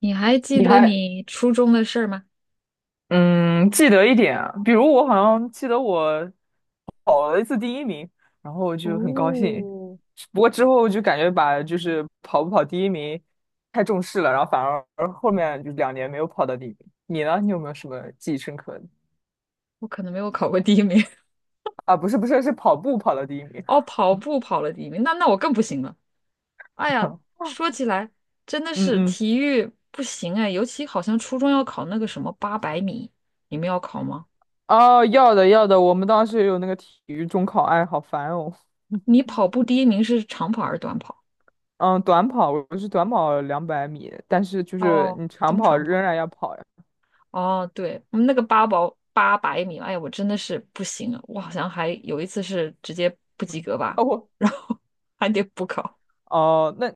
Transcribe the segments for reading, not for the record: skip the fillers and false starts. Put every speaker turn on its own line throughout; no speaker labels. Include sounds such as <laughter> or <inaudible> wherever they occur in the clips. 你还记
你
得
还
你初中的事儿吗？
嗯记得一点啊，比如我好像记得我跑了一次第一名，然后我就很高
哦，
兴。不过之后就感觉就是跑不跑第一名太重视了，然后反而后面就2年没有跑到第一名。你呢？你有没有什么记忆深刻的？
我可能没有考过第一名。
啊，不是不是，是跑步跑到第一名。
<laughs> 哦，跑步跑了第一名，那我更不行了。哎呀，
<laughs>
说起来真的
嗯
是
嗯，
体育不行哎，尤其好像初中要考那个什么八百米，你们要考吗？
哦，要的要的，我们当时也有那个体育中考，哎，好烦哦。
你跑步第一名是长跑还是短跑？
嗯，短跑我是短跑200米，但是就是
哦，
你长
中
跑
长跑。
仍然要跑呀。
哦，对，我们那个八百米，哎呀，我真的是不行了。我好像还有一次是直接不及格吧，
哦，我
然后 <laughs> 还得补考。
哦，那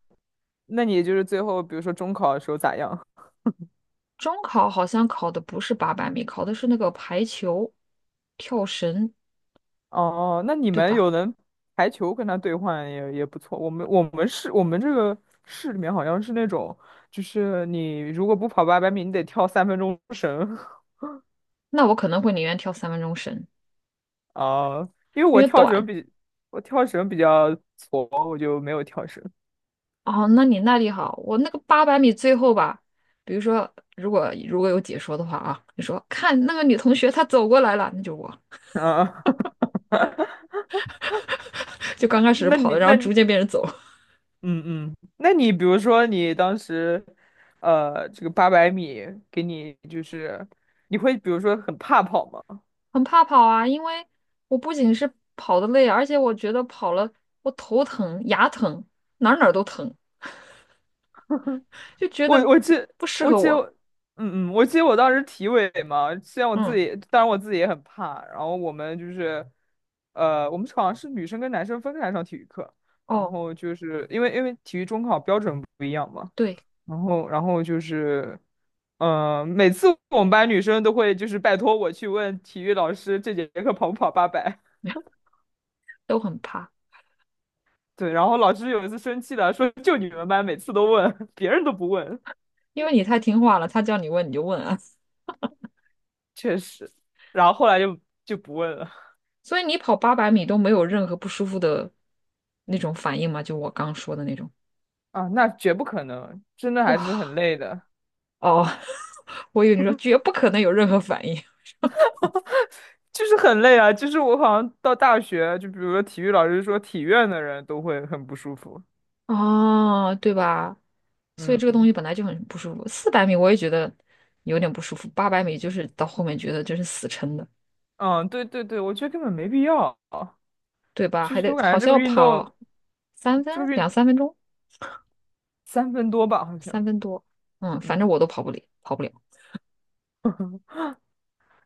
那你就是最后，比如说中考的时候咋样？
中考好像考的不是八百米，考的是那个排球、跳绳，
哦，那你
对
们
吧？
有人排球跟他兑换也不错。我们这个市里面好像是那种，就是你如果不跑八百米，你得跳3分钟绳。<laughs>
那我可能会宁愿跳三分钟绳，
啊。因为
因
我
为
跳绳
短。
比我跳绳比较矬，我就没有跳绳。
哦，那你耐力好，我那个八百米最后吧，比如说如果有解说的话啊，你说看那个女同学她走过来了，那就是我，
啊，
<laughs> 就刚开
<laughs>
始
那
跑
你
的，然
那
后逐渐变成走，
嗯嗯，那你比如说你当时，这个八百米给你就是，你会比如说很怕跑吗？
<laughs> 很怕跑啊，因为我不仅是跑的累，而且我觉得跑了我头疼、牙疼，哪儿哪儿都疼，就觉
我
得
我记
不适
我
合
记我，
我。
我记得我当时体委嘛，虽然我自
嗯。
己，当然我自己也很怕，然后我们就是，我们好像是女生跟男生分开上体育课，然
哦。
后就是因为体育中考标准不一样嘛，
对，
然后就是，每次我们班女生都会就是拜托我去问体育老师这节课跑不跑八百。<laughs>
<laughs> 都很怕，
对，然后老师有一次生气了，说就你们班每次都问，<laughs> 别人都不问，
因为你太听话了，他叫你问你就问啊。
确实。然后后来就不问了
所以你跑八百米都没有任何不舒服的那种反应吗？就我刚说的那种。
啊，那绝不可能，真的还是很
哇，
累的，
哦，<laughs> 我以为你说绝不可能有任何反应。
就是很累啊。就是我好像到大学，就比如说体育老师说体院的人都会很不舒服。
哦，对吧？所以这个东
嗯
西本来就很不舒服。400米我也觉得有点不舒服，八百米就是到后面觉得就是死撑的，
嗯，对对对，我觉得根本没必要。
对吧？
其
还
实
得
我感
好
觉这
像
个
要
运动，
跑
这个运
2、3分钟，
三分多吧，好
三
像，
分多，嗯，反
嗯，
正我都跑不了，跑不了。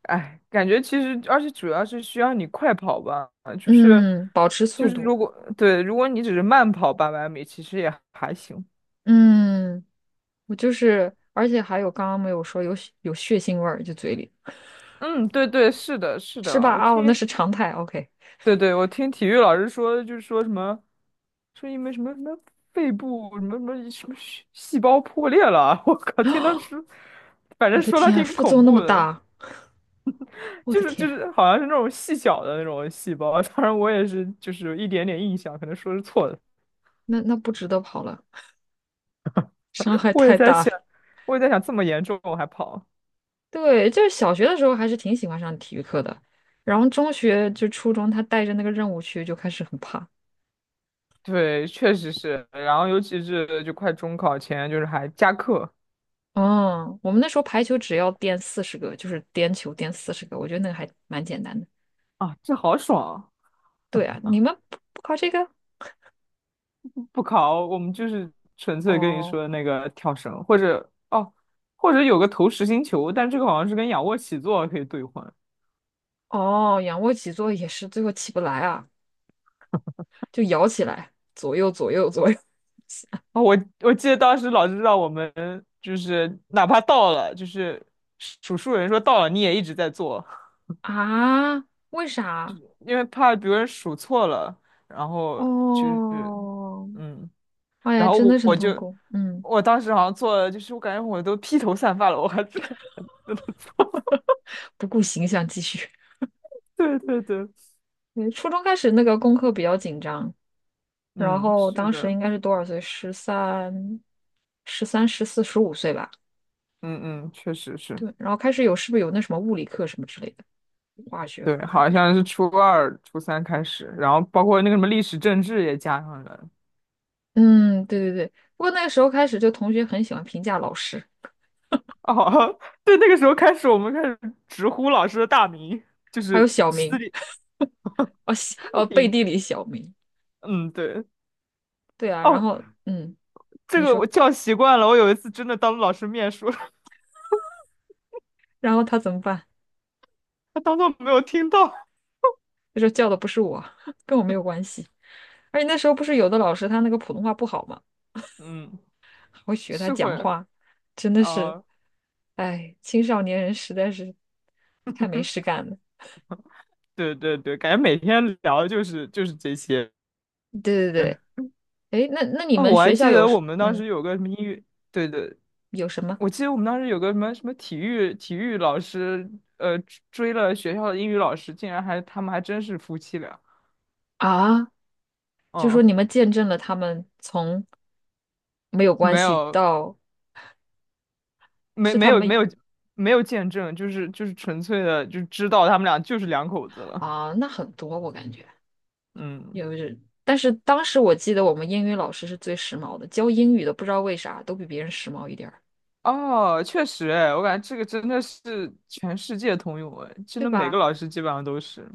哎，感觉其实，而且主要是需要你快跑吧，就是
嗯，保持速
就是
度。
对，如果你只是慢跑八百米，其实也还行。
嗯，我就是，而且还有刚刚没有说有血腥味儿，就嘴里
嗯，对对，是的，是
是
的，
吧？哦，那是常态。OK，
对对，我听体育老师说，就是说什么，说因为什么什么肺部什么什么什么细胞破裂了，<laughs> 我靠，听他说，反
我
正
的
说他
天，
挺
副作
恐
用那么
怖的。
大，我
就
的
是就
天，
是好像是那种细小的那种细胞，当然我也是就是有一点点印象，可能说是错的。
那不值得跑了，伤害
我也
太
在
大了。
想，我也在想这么严重我还跑？
对，就是小学的时候还是挺喜欢上体育课的，然后中学就初中，他带着那个任务去就开始很怕。
对，确实是。然后尤其是就快中考前，就是还加课
嗯，我们那时候排球只要颠四十个，就是颠球颠四十个，我觉得那个还蛮简单的。
啊，这好爽啊
对啊，你们不考这个？
不考，我们就是纯粹跟你
哦，
说的那个跳绳，或者哦，或者有个投实心球，但这个好像是跟仰卧起坐可以兑换。
哦，仰卧起坐也是，最后起不来啊，就摇起来，左右左右左右。
哦，我记得当时老师让我们就是哪怕到了，就是数数人说到了，你也一直在做，
<laughs> 啊？为啥？
因为怕别人数错了，然后就是
哦，
嗯，
哎呀，
然后
真的是很痛苦。嗯，
我当时好像做了，就是我感觉我都披头散发了，我还是 <laughs>
不顾形象继续。
对对对，
<laughs> 对，初中开始那个功课比较紧张，然
嗯，
后
是
当时
的，
应该是多少岁？十三、十四、十五岁吧。
嗯嗯，确实是，
对，然后开始有是不是有那什么物理课什么之类的，化学
对，
课还
好
不是？
像是初二、初三开始，然后包括那个什么历史政治也加上了，
嗯，对对对。不过那个时候开始，就同学很喜欢评价老师，
哦，<laughs> 对，那个时候开始，我们开始直呼老师的大名，就
还有
是
小
私
明。
立，
哦西哦背
嗯，
地里小名，
嗯对，
对啊，然
哦，
后嗯，
这
你
个
说，
我叫习惯了。我有一次真的当着老师面说，
然后他怎么办？
<laughs> 他当做没有听到。
他说叫的不是我，<laughs> 跟我没有关系。而且那时候不是有的老师他那个普通话不好嘛，
嗯，
<laughs> 还会学他
是
讲
会，
话，真的是，
啊、
哎，青少年人实在是太没事干了。
对对对，感觉每天聊的就是这些。
对对对，哎，那你
哦，
们
我还
学
记
校有
得
什
我们当
嗯
时有个什么英语，对对，
有什么
我记得我们当时有个什么什么体育老师，呃，追了学校的英语老师，竟然他们还真是夫妻俩。
啊？就说
嗯，
你们见证了他们从没有关
没
系
有。
到
没
是
没
他
有没
们
有没有见证，就是纯粹的就知道他们俩就是两口子了。
啊，那很多我感觉。
嗯，
有是，但是当时我记得我们英语老师是最时髦的，教英语的不知道为啥都比别人时髦一点儿，
哦，确实，哎，我感觉这个真的是全世界通用，哎，真
对
的每个
吧？
老师基本上都是。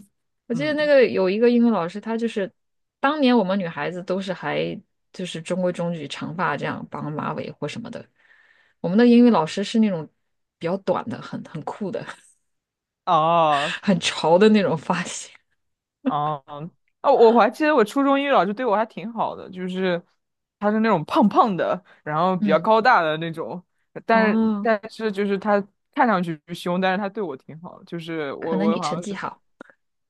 我记得那
嗯，
个有一个英语老师，他就是当年我们女孩子都是还就是中规中矩，长发这样绑马尾或什么的，我们的英语老师是那种比较短的，很酷的，
哦
<laughs> 很潮的那种发型。
哦哦，我还记得我初中英语老师对我还挺好的，就是他是那种胖胖的，然后比较
嗯，
高大的那种，但是
哦，
但是就是他看上去凶，但是他对我挺好的，就是
可
我
能
我
你
好
成
像
绩
是。
好。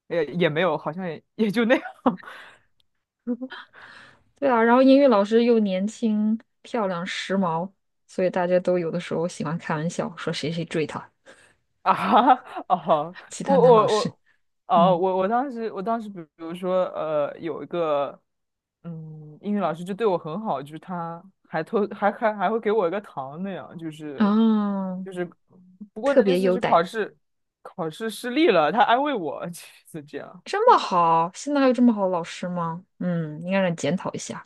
也没有，好像也就那样
对啊，然后英语老师又年轻、漂亮、时髦，所以大家都有的时候喜欢开玩笑说谁谁追她，
<laughs> 啊。哦，
其
我
他男老
我
师，
我，
嗯，
我当时，比如说，有一个，英语老师就对我很好，就是他还偷还还还会给我一个糖那样，
啊，
就是，不过
特
那
别
次
优
是
待，
考试失利了，他安慰我，<laughs> 就是这样。
这么好，现在还有这么好的老师吗？嗯，应该让你检讨一下。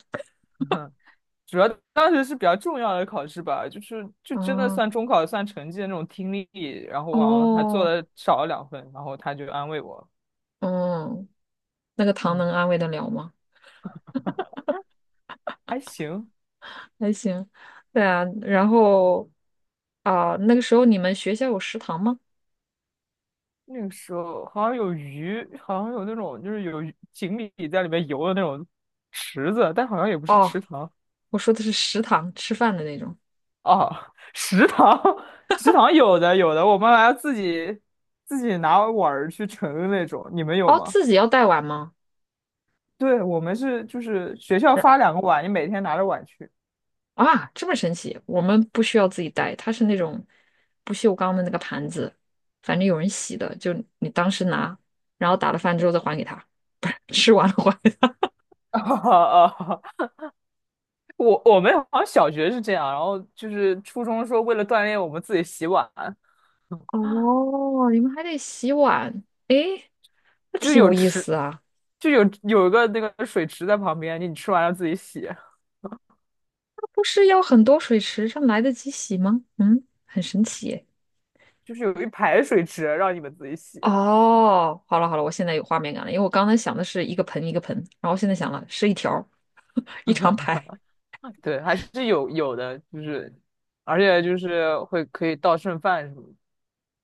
主要当时是比较重要的考试吧，就是就真的
嗯，
算中考算成绩的那种听力，然后我好像还做
哦，
了少了2分，然后他就安慰我，
嗯，那个糖
嗯，
能安慰得了吗？
还行。
还行。对啊，然后啊、那个时候你们学校有食堂吗？
那个时候好像有鱼，好像有那种就是有鱼锦鲤在里面游的那种池子，但好像也不是
哦，
池塘
我说的是食堂吃饭的那种。
哦，<laughs> 食堂 <laughs> 食堂有的有的，我们还要自己拿碗儿去盛的那种，你们有
哦，
吗？
自己要带碗吗？
对，我们是就是学校发2个碗，你每天拿着碗去。
啊，这么神奇！我们不需要自己带，它是那种不锈钢的那个盘子，反正有人洗的，就你当时拿，然后打了饭之后再还给他，不是吃完了还给他。
哦，<laughs> 我们好像小学是这样，然后就是初中说为了锻炼我们自己洗碗，
<laughs> 哦，你们还得洗碗，诶，那
就是
挺有意思啊。
就有一个那个水池在旁边，你吃完了自己洗，
那不是要很多水池上来得及洗吗？嗯，很神奇耶。
就是有一排水池让你们自己洗。
哦，好了好了，我现在有画面感了，因为我刚才想的是一个盆一个盆，然后现在想了是一条儿 <laughs> 一长排。
<laughs> 对，还是有的，就是而且就是会可以倒剩饭什么的。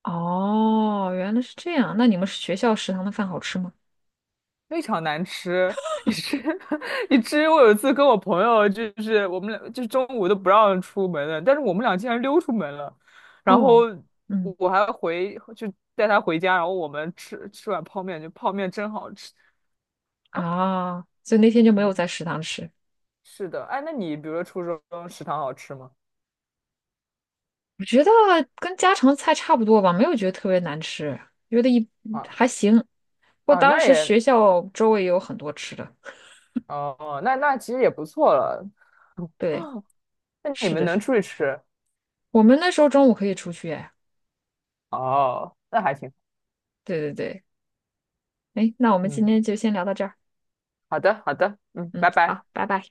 哦，原来是这样。那你们学校食堂的饭好吃吗？
非常难吃，以至 <laughs> 以至于 <laughs> 我有一次跟我朋友，就是我们俩，就是中午都不让出门了，但是我们俩竟然溜出门了，然后
哦，嗯，
我就带他回家，然后我们吃吃碗泡面，就泡面真好吃。
啊，所以那天就没有在
嗯，
食堂吃。
是的，哎，那你比如说初中食堂好吃吗？
我觉得跟家常菜差不多吧，没有觉得特别难吃，觉得一
啊
还行。不过
啊，
当时学校周围也有很多吃的。
哦，那其实也不错了。<gasps>
对，
<laughs> 那你
是
们
的
能
是。
出去吃
我们那时候中午可以出去哎。
哦，那还行。
对对对，哎，那我们今
嗯，
天就先聊到这儿。
好的好的，嗯，
嗯，
拜拜。
好，拜拜。